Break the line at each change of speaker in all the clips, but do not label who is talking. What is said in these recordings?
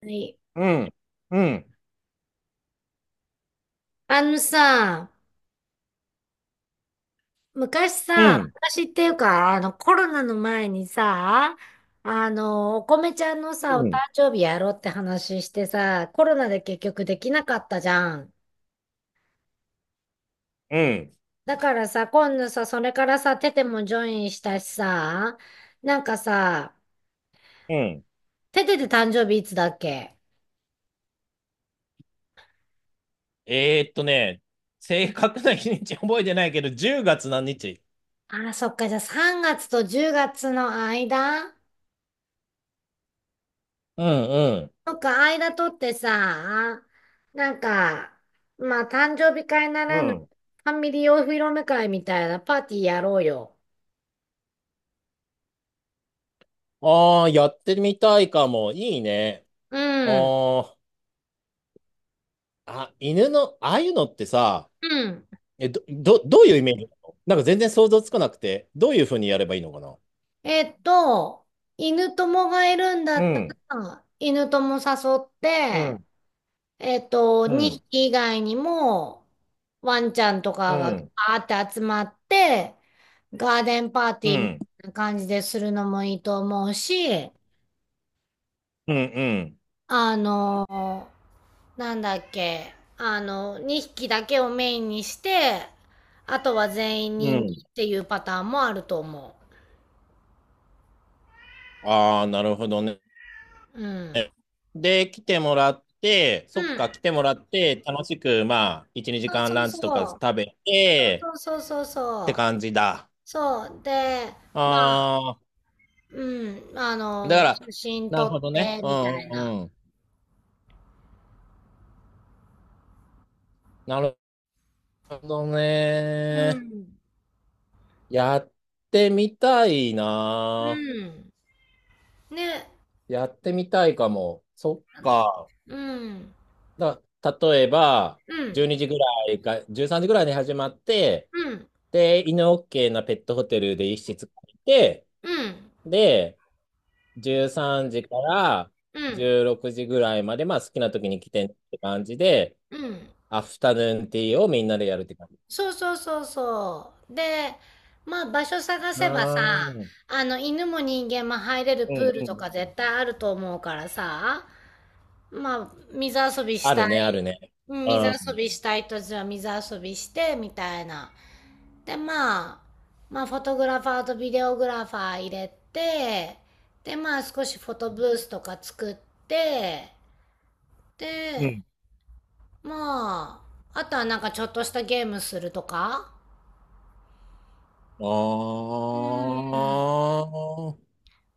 はい。
うん、うん、
あのさ、昔
う
さ、
ん、
昔っていうか、コロナの前にさ、お米ちゃんの
う
さ、お誕
ん、
生日やろうって話してさ、コロナで結局できなかったじゃん。
うん、
だからさ、今度さ、それからさ、テテもジョインしたしさ、なんかさ、
うん。
テテで誕生日いつだっけ？
えーっとね、正確な日にち覚えてないけど、10月何日？
あー、そっか、じゃあ3月と10月の間、
うん、うん、
なんか、間取ってさ、なんか、まあ、誕生日会な
う
らぬ、
ん。
ファミリーお披露目会みたいなパーティーやろうよ。
ああ、やってみたいかも。いいね。あ
うん。
ーあ、犬の、ああいうのってさ、
うん。
え、どういうイメージなの。なんか全然想像つかなくて、どういうふうにやればいいのかな？
えっと、犬友がいるんだ
う
った
ん、
ら、犬友誘っ
う
て、
ん、う
2
ん、
匹以外にも、ワンちゃんと
う
かがバ
ん、
ーって集まって、ガーデンパー
う
ティーみた
ん、
いな感じでするのもいいと思うし、
うん、うん。
あのなんだっけ、2匹だけをメインにして、あとは全員
う
人間っ
ん。
ていうパターンもあると思
ああ、なるほどね。
う。うん。
で、来てもらって、
う
そっ
ん。
か、来てもらって、楽しく、まあ、1、2
そう
時間
そう
ランチとか
そう。
食べて、
そうそうそうそう
っ
そ
て
う。
感じだ。
そう。で、まあ、
ああ、
うん。あ
だか
の、
ら、
写真
な
撮
る
っ
ほどね。
て、
う
みたい
んう
な。
んうん。なるほど
う
ね。
ん。
やってみたいな。
うん。ね。
やってみたいかも。そっか。
うん。
だ、例えば、
う
12
ん。
時ぐらいか、13時ぐらいに始まって、
うん。
で、犬 OK なペットホテルで一室借りて、
うん。
で、13時から
うん。
16時ぐらいまで、まあ好きな時に来てねって感じで、
うん。
アフタヌーンティーをみんなでやるって感じ。
そうそうそうそう。で、まあ場所探
う
せばさ、
ーん。
あの犬も人間も入れる
う
プ
ん
ールとか
うん。
絶対あると思うからさ、まあ水遊びし
ある
た
ね、あ
い、
るね。
うん、水
う
遊
ん。
びしたいとじゃあ水遊びしてみたいな。で、まあ、まあフォトグラファーとビデオグラファー入れて、で、まあ少しフォトブースとか作って、
う
で、
ん。
まあ、あとはなんかちょっとしたゲームするとか。
あ
うん、
あ。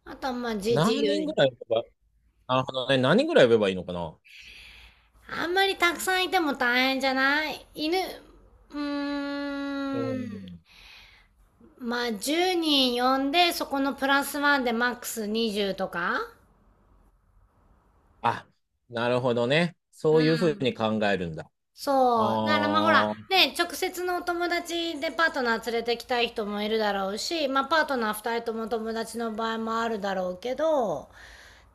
あとはまあじ自
何
由
人ぐ
に。
らい呼べば、なるほどね。何人ぐらい呼べばいいのかな？
あんまりたくさんいても大変じゃない？犬、うー
うん。
ん、まあ10人呼んで、そこのプラスワンでマックス20とか。
あ、なるほどね。
う
そういうふう
ん。
に考えるんだ。
そう。だからまあほら、
ああ。うん
ね、直接のお友達でパートナー連れてきたい人もいるだろうし、まあパートナー2人とも友達の場合もあるだろうけど、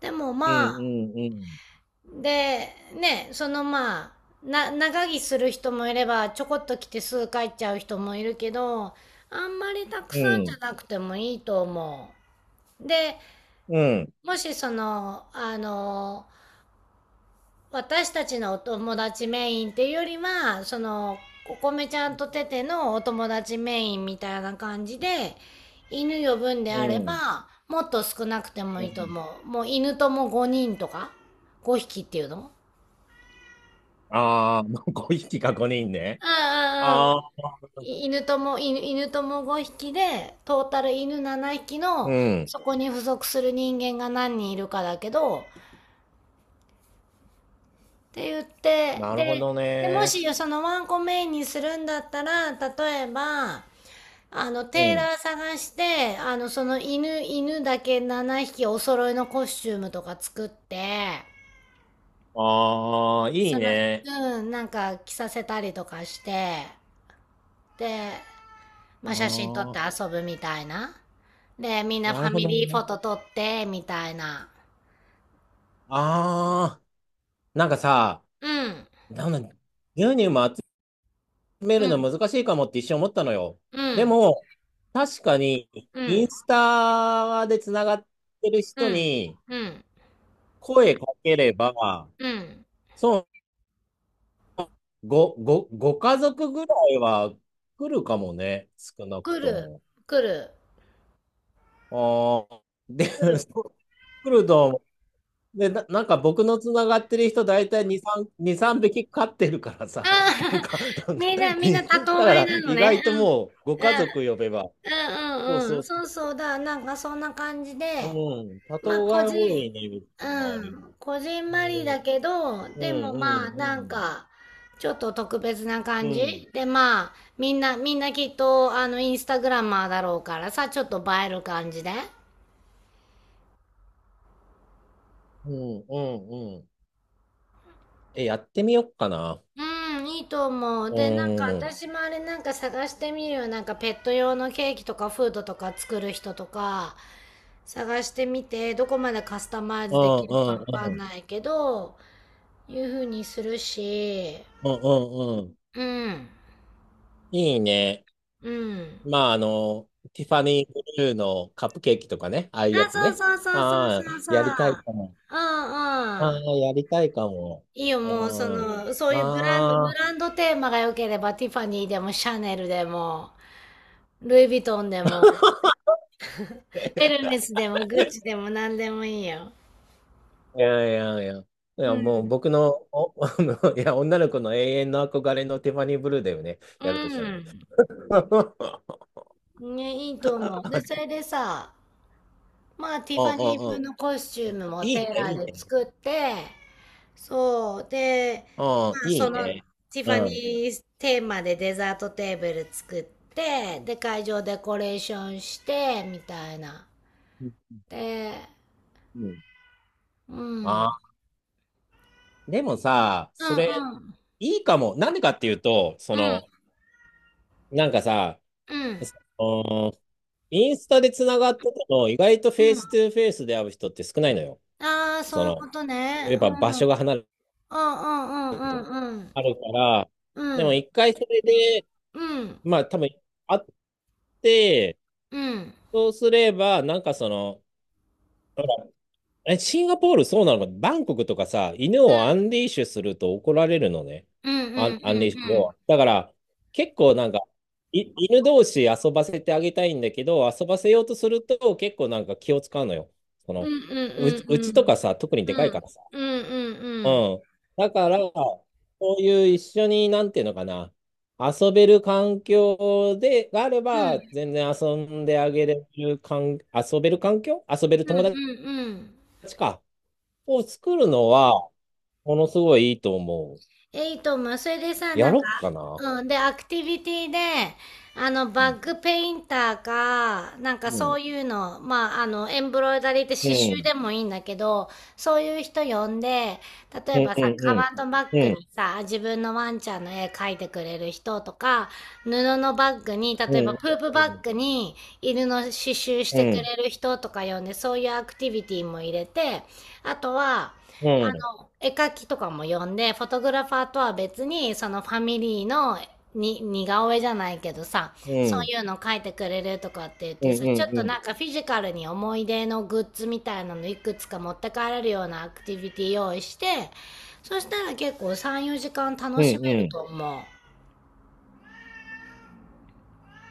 でも
う
まあ、
ん
で、ね、そのまあ、長着する人もいれば、ちょこっと着てすぐ帰っちゃう人もいるけど、あんまりたく
う
さん
ん。
じゃ
う
なくてもいいと思う。で、
ん。うん。
もしその、あの、私たちのお友達メインっていうよりは、その、お米ちゃんとテテのお友達メインみたいな感じで、犬呼ぶんで
う
あれ
ん。
ば、もっと少なくても
う
いいと
ん。
思う。もう犬とも5人とか ?5 匹っていうの。
ああ、まあ、5匹か5人ね。
うんうんうん。
ああ、
犬とも、犬とも5匹で、トータル犬7匹
う
の、
ん。
そこに付属する人間が何人いるかだけど、って言って、
な
で、
るほど
で、も
ね。
しそのワンコメインにするんだったら、例えば、あの、
う
テーラ
ん。
ー探して、あの、その犬だけ7匹お揃いのコスチュームとか作って、
ああ、いい
その、
ね。
うん、なんか着させたりとかして、で、まあ、写真撮っ
あ
て
あ、
遊ぶみたいな。で、みんな
な
フ
る
ァ
ほ
ミ
ど
リーフ
ね。
ォト撮ってみたいな。
ああ、なんかさ、
うん、
なんだ、牛乳も集め
う
るの
ん、
難しいかもって一瞬思ったのよ。
う
で
ん、
も、確かに、
う
イン
ん、
スタでつながってる
う
人
ん、
に
うん、
声かければ、
うん。
そう、ご家族ぐらいは来るかもね。少なく
来
と
る、
も。
来る、
ああ、で、
来 る。
そうクルドン、で、なんか僕のつながってる人、大体2、3、2、3匹飼ってるから
あ
さ、
ー
なんか、
みん な、みんな
で、
多頭
だか
飼い
ら
なの
意
ね。
外と
うん、うん、
もうご家族呼べば、
うん、
そう
うん、う
そう
ん。
そ
そうそうだ。なんかそんな感じで、
う、うん、多
まあ、
頭が多いね、うちの
う
周りに。
ん、こじんまりだけど、
う
で
ん、
も
うん、
まあ、
う
なん
ん、
か、ちょっと特別な
うん、
感
うん、
じで、まあ、みんなきっと、あの、インスタグラマーだろうからさ、ちょっと映える感じで。
うん、うんうん、え、やってみよっかな。
うん、いいと思う。
う
で、なんか
ん、うん、うん、
私もあれなんか探してみるよ。なんかペット用のケーキとかフードとか作る人とか探してみて、どこまでカスタマイ
う
ズできるかわか
ん、
ん
うん、
ないけど、いうふうにするし、
うん、うん、
うん、
いいね。
うん。
まあ、ティファニーブルーのカップケーキとかね、ああいうや
あ、
つ
そう
ね。
そうそうそう
あ
そう
あ、
そ
やり
う。
たいかも。
うん
あ
うん。
あ、やりたいかも。
いいよ、もうそ
あ
の、そういうブランド、ブ
あ、ああ。
ランドテーマが良ければ、ティファニーでも、シャネルでも、ルイ・ヴィトンでも、エル メスでも、グッチでも、何でもいいよ。
いやいやいや。い
う
や、もう
ん。
僕の、いや、女の子の永遠の憧れのティファニーブルーだよね。
う
やるとしたらね。
ん。ね、いいと思う。で、
あ
そ
でも、
れでさ、まあ、ティ
うん
フ
う
ァニー
ん
風
うん。
のコスチュームも
いいね、
テーラ
い
ー
い
で
ね。
作って、そう。で、
うん、
まあ、
い
そ
い
の
ね。
ティファニ
うん。
ーテーマでデザートテーブル作って、で、会場デコレーションして、みたいな。
う
で、
ん。
うん。うん
ああ、でもさ、
う
それ、
ん
いいかも。なんでかっていうと、そ
うん
の、なんかさ、
うん
そのインスタでつながってても、意外とフ
う
ェイ
ん。
ストゥフェイスで会う人って少ないのよ。
ああ、そ
そ
ういうこ
の、
とね。
やっ
う
ぱ場
ん。う
所が離れ
う
ると
んんう
あるから、でも一回それで、まあ多分会って、そうすれば、なんかその、え、シンガポールそうなのか、バンコクとかさ、犬をアンリーシュすると怒られるのね。
うん
ア
うん
ン、アンリーシュ
うん。
を。だから、結構なんか、犬同士遊ばせてあげたいんだけど、遊ばせようとすると結構なんか気を使うのよ。そ
うん
の、
う
うち、
んうん
う
う
ちとか
ん。
さ、特に
う
でかいか
ん
らさ。
うんうんう
う
ん。
ん。だから、そういう一緒に、なんていうのかな、遊べる環境で、があれ
う
ば、
ん
全然遊んであげれる環、遊べる環境遊べる
うんうん
友達
うん。
か。を作るのは、ものすごいいいと思う。
え、いいと思う。それでさ、
や
なんか、
ろっかな。
うん。で、アクティビティで、あの、
う
バ
ん。
ッグペインターか、なんか
う
そ
ん。
ういうの、まあ、あの、エンブロイダリーって
う
刺繍
ん。
でもいいんだけど、そういう人呼んで、例
う
え
ん。
ば
う
さ、カ
ん。
バンとバッ
う
グ
ん。
にさ、自分のワンちゃんの絵描いてくれる人とか、布のバッグに、例え
う
ばプ
ん。
ープバッグに犬の刺繍し
う
てく
ん。
れる人とか呼んで、そういうアクティビティも入れて、あとは、
うん。うん。
絵描きとかも呼んで、フォトグラファーとは別に、そのファミリーのに似顔絵じゃないけどさ、
うん。
そ
う
う
ん。
いうの描いてくれるとかって言っ
う
てさ、ちょっとな
ん。
んかフィジカルに思い出のグッズみたいなのいくつか持って帰れるようなアクティビティ用意して、そしたら結構3、4時間楽
う
し
ん。
め
う
る
ん、
と思う。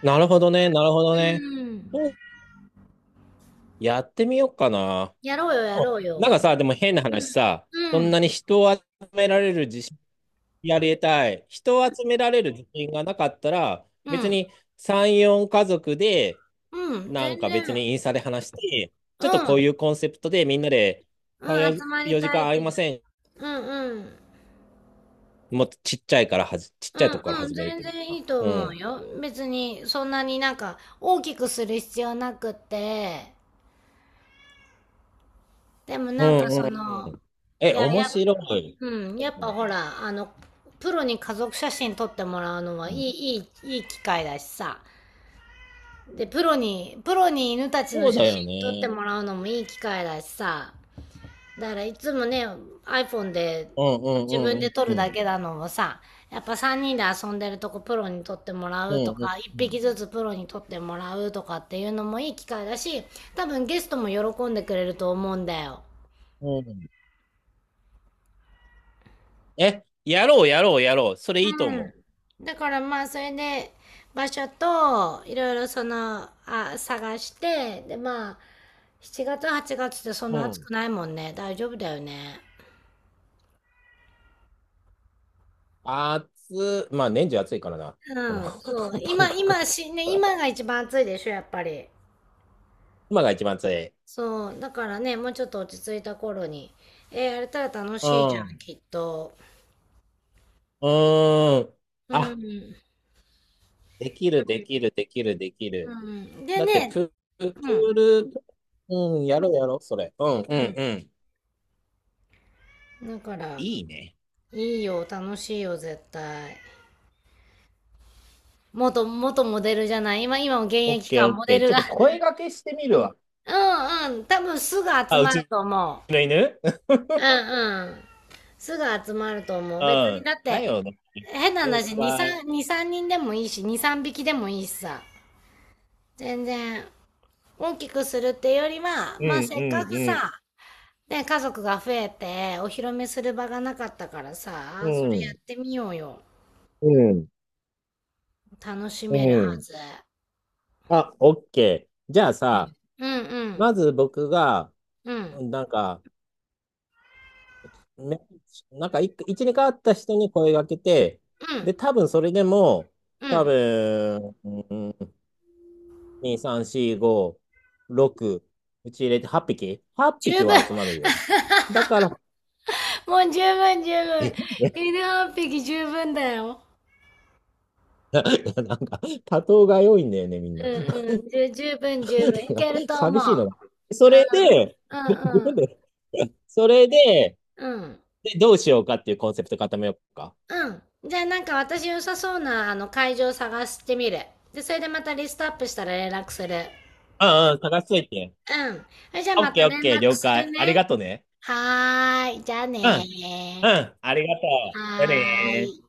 なるほどね。なるほどね。
うん。
そうやってみようかな。
やろうよ、や
う
ろう
ん、なんか
よ。
さ、でも変な
う
話
ん。
さ、そ
う
ん
ん。
なに人を集められる自信やりたい。人を集められる自信がなかったら、
う
別
ん。
に3、4家族で、
うん。
な
全
んか別
然。
にインスタで話して、
う
ちょっとこうい
ん。
うコンセプトでみんなで3、
うん。
4
集まり
4
たい
時
っ
間会い
て。
ません。
うんうん。
もっとちっ
う
ちゃいと
ん
こから
うん、
始めるっ
全
ていう
然
の
い
か
いと
な。う
思う
ん。
よ。別にそんなになんか大きくする必要なくって、でも
う
なんか
んう
そ
んう
の、
ん。
い
え、
や、
面白い。
うん、やっ
う
ぱ
ん
ほら、あの、プロに家族写真撮ってもらうのは
うん、
いい、いい機会だしさ。で、プロに犬たちの
そう
写
だよ
真撮って
ね。
もらうのもいい機会だしさ。だからいつもね、iPhone で
うんうん
自分
う
で
ん
撮
う
る
んう
だ
ん。
けなのをさ、やっぱ3人で遊んでるとこプロに撮ってもら
う
う
ん
と
うん
か、1匹
う
ずつプロに撮ってもらうとかっていうのもいい機会だし、多分ゲストも喜んでくれると思うんだよ。
ん。うん、え、やろうやろうやろう。それいいと
うん。
思
だからまあそれで場所といろいろその、あ、探して、でまあ7月8月ってそん
う。う
な暑
ん。
くないもんね。大丈夫だよね。
まあ年中暑いからな、この
うん、そう。
万
今、今
博
し、ね、
は。
今が一番暑いでしょ、やっぱり。
今が一番暑い。
そう、だからね、もうちょっと落ち着いた頃に、やれたら楽
う
しいじゃん、
ん。
きっと。
うーん。
う
あ、
ん、
できる、できる、できる、でき
う
る。
ん。で
だって
ね、
プ、プ
うん、
ール、うん、やろうやろう、それ。うん、う
う
ん、
ん。
うん。
だから、
いいね。
いいよ、楽しいよ、絶対。元モデルじゃない？今も現
オッ
役
ケ
か、
ー、オッ
モデ
ケー。
ル
ちょっ
が。
と声 掛けしてみるわ。
うん、うん。多分すぐ集
あ、う
まる
ち
と思
の犬。
う。うんうん。すぐ集まると 思う。
う
別に
ん。
だっ
だ
て、
よね。
変な
そう
話、2、
か。
3、2、3人でもいいし、2、3匹でもいいしさ。全然、大きくするっていうよりは、
う
まあ
ん、
せ
う
っか
ん、
く
うん。
さ、ね、家族が増えて、お披露目する場がなかったから
う
さ、それやっ
ん、
てみようよ。
うん、
楽し
う
めるは
ん。
ず。
あ、オッケー。じゃあさ、
うんう
ま
ん、
ず僕が、
うん、
うん、なんか、めなんか二回会った人に声がけて、
うん、
で、多分それでも、
う
多
ん。
分、うん、2、3、4、5、6、うち入れて8匹 ?8 匹はっぴ
十
き
分、
は集まるよ。だから、
もう十分、十分。
え、
犬8匹十分だよ。
なんか、多頭が良いんだよね、みん
う
な。
んうん、十分、十分。いける と
寂
思う。
しいのが。そ
うん、
れで、
う
自
ん、うん、
分でそれで、
うん、
で、どうしようかっていうコンセプト固めようか。
うん。じゃあなんか私良さそうなあの会場探してみる。で、それでまたリストアップしたら連絡する。
うんうん、探しといて。
うん。それじゃあ
オッ
ま
ケ
た
ーオッ
連
ケー、
絡
了
する
解。あり
ね。
がとね。
はーい。じゃあ
うん。う
ねー。
ん、ありがとう。じゃあ
はー
ね
い。
ー。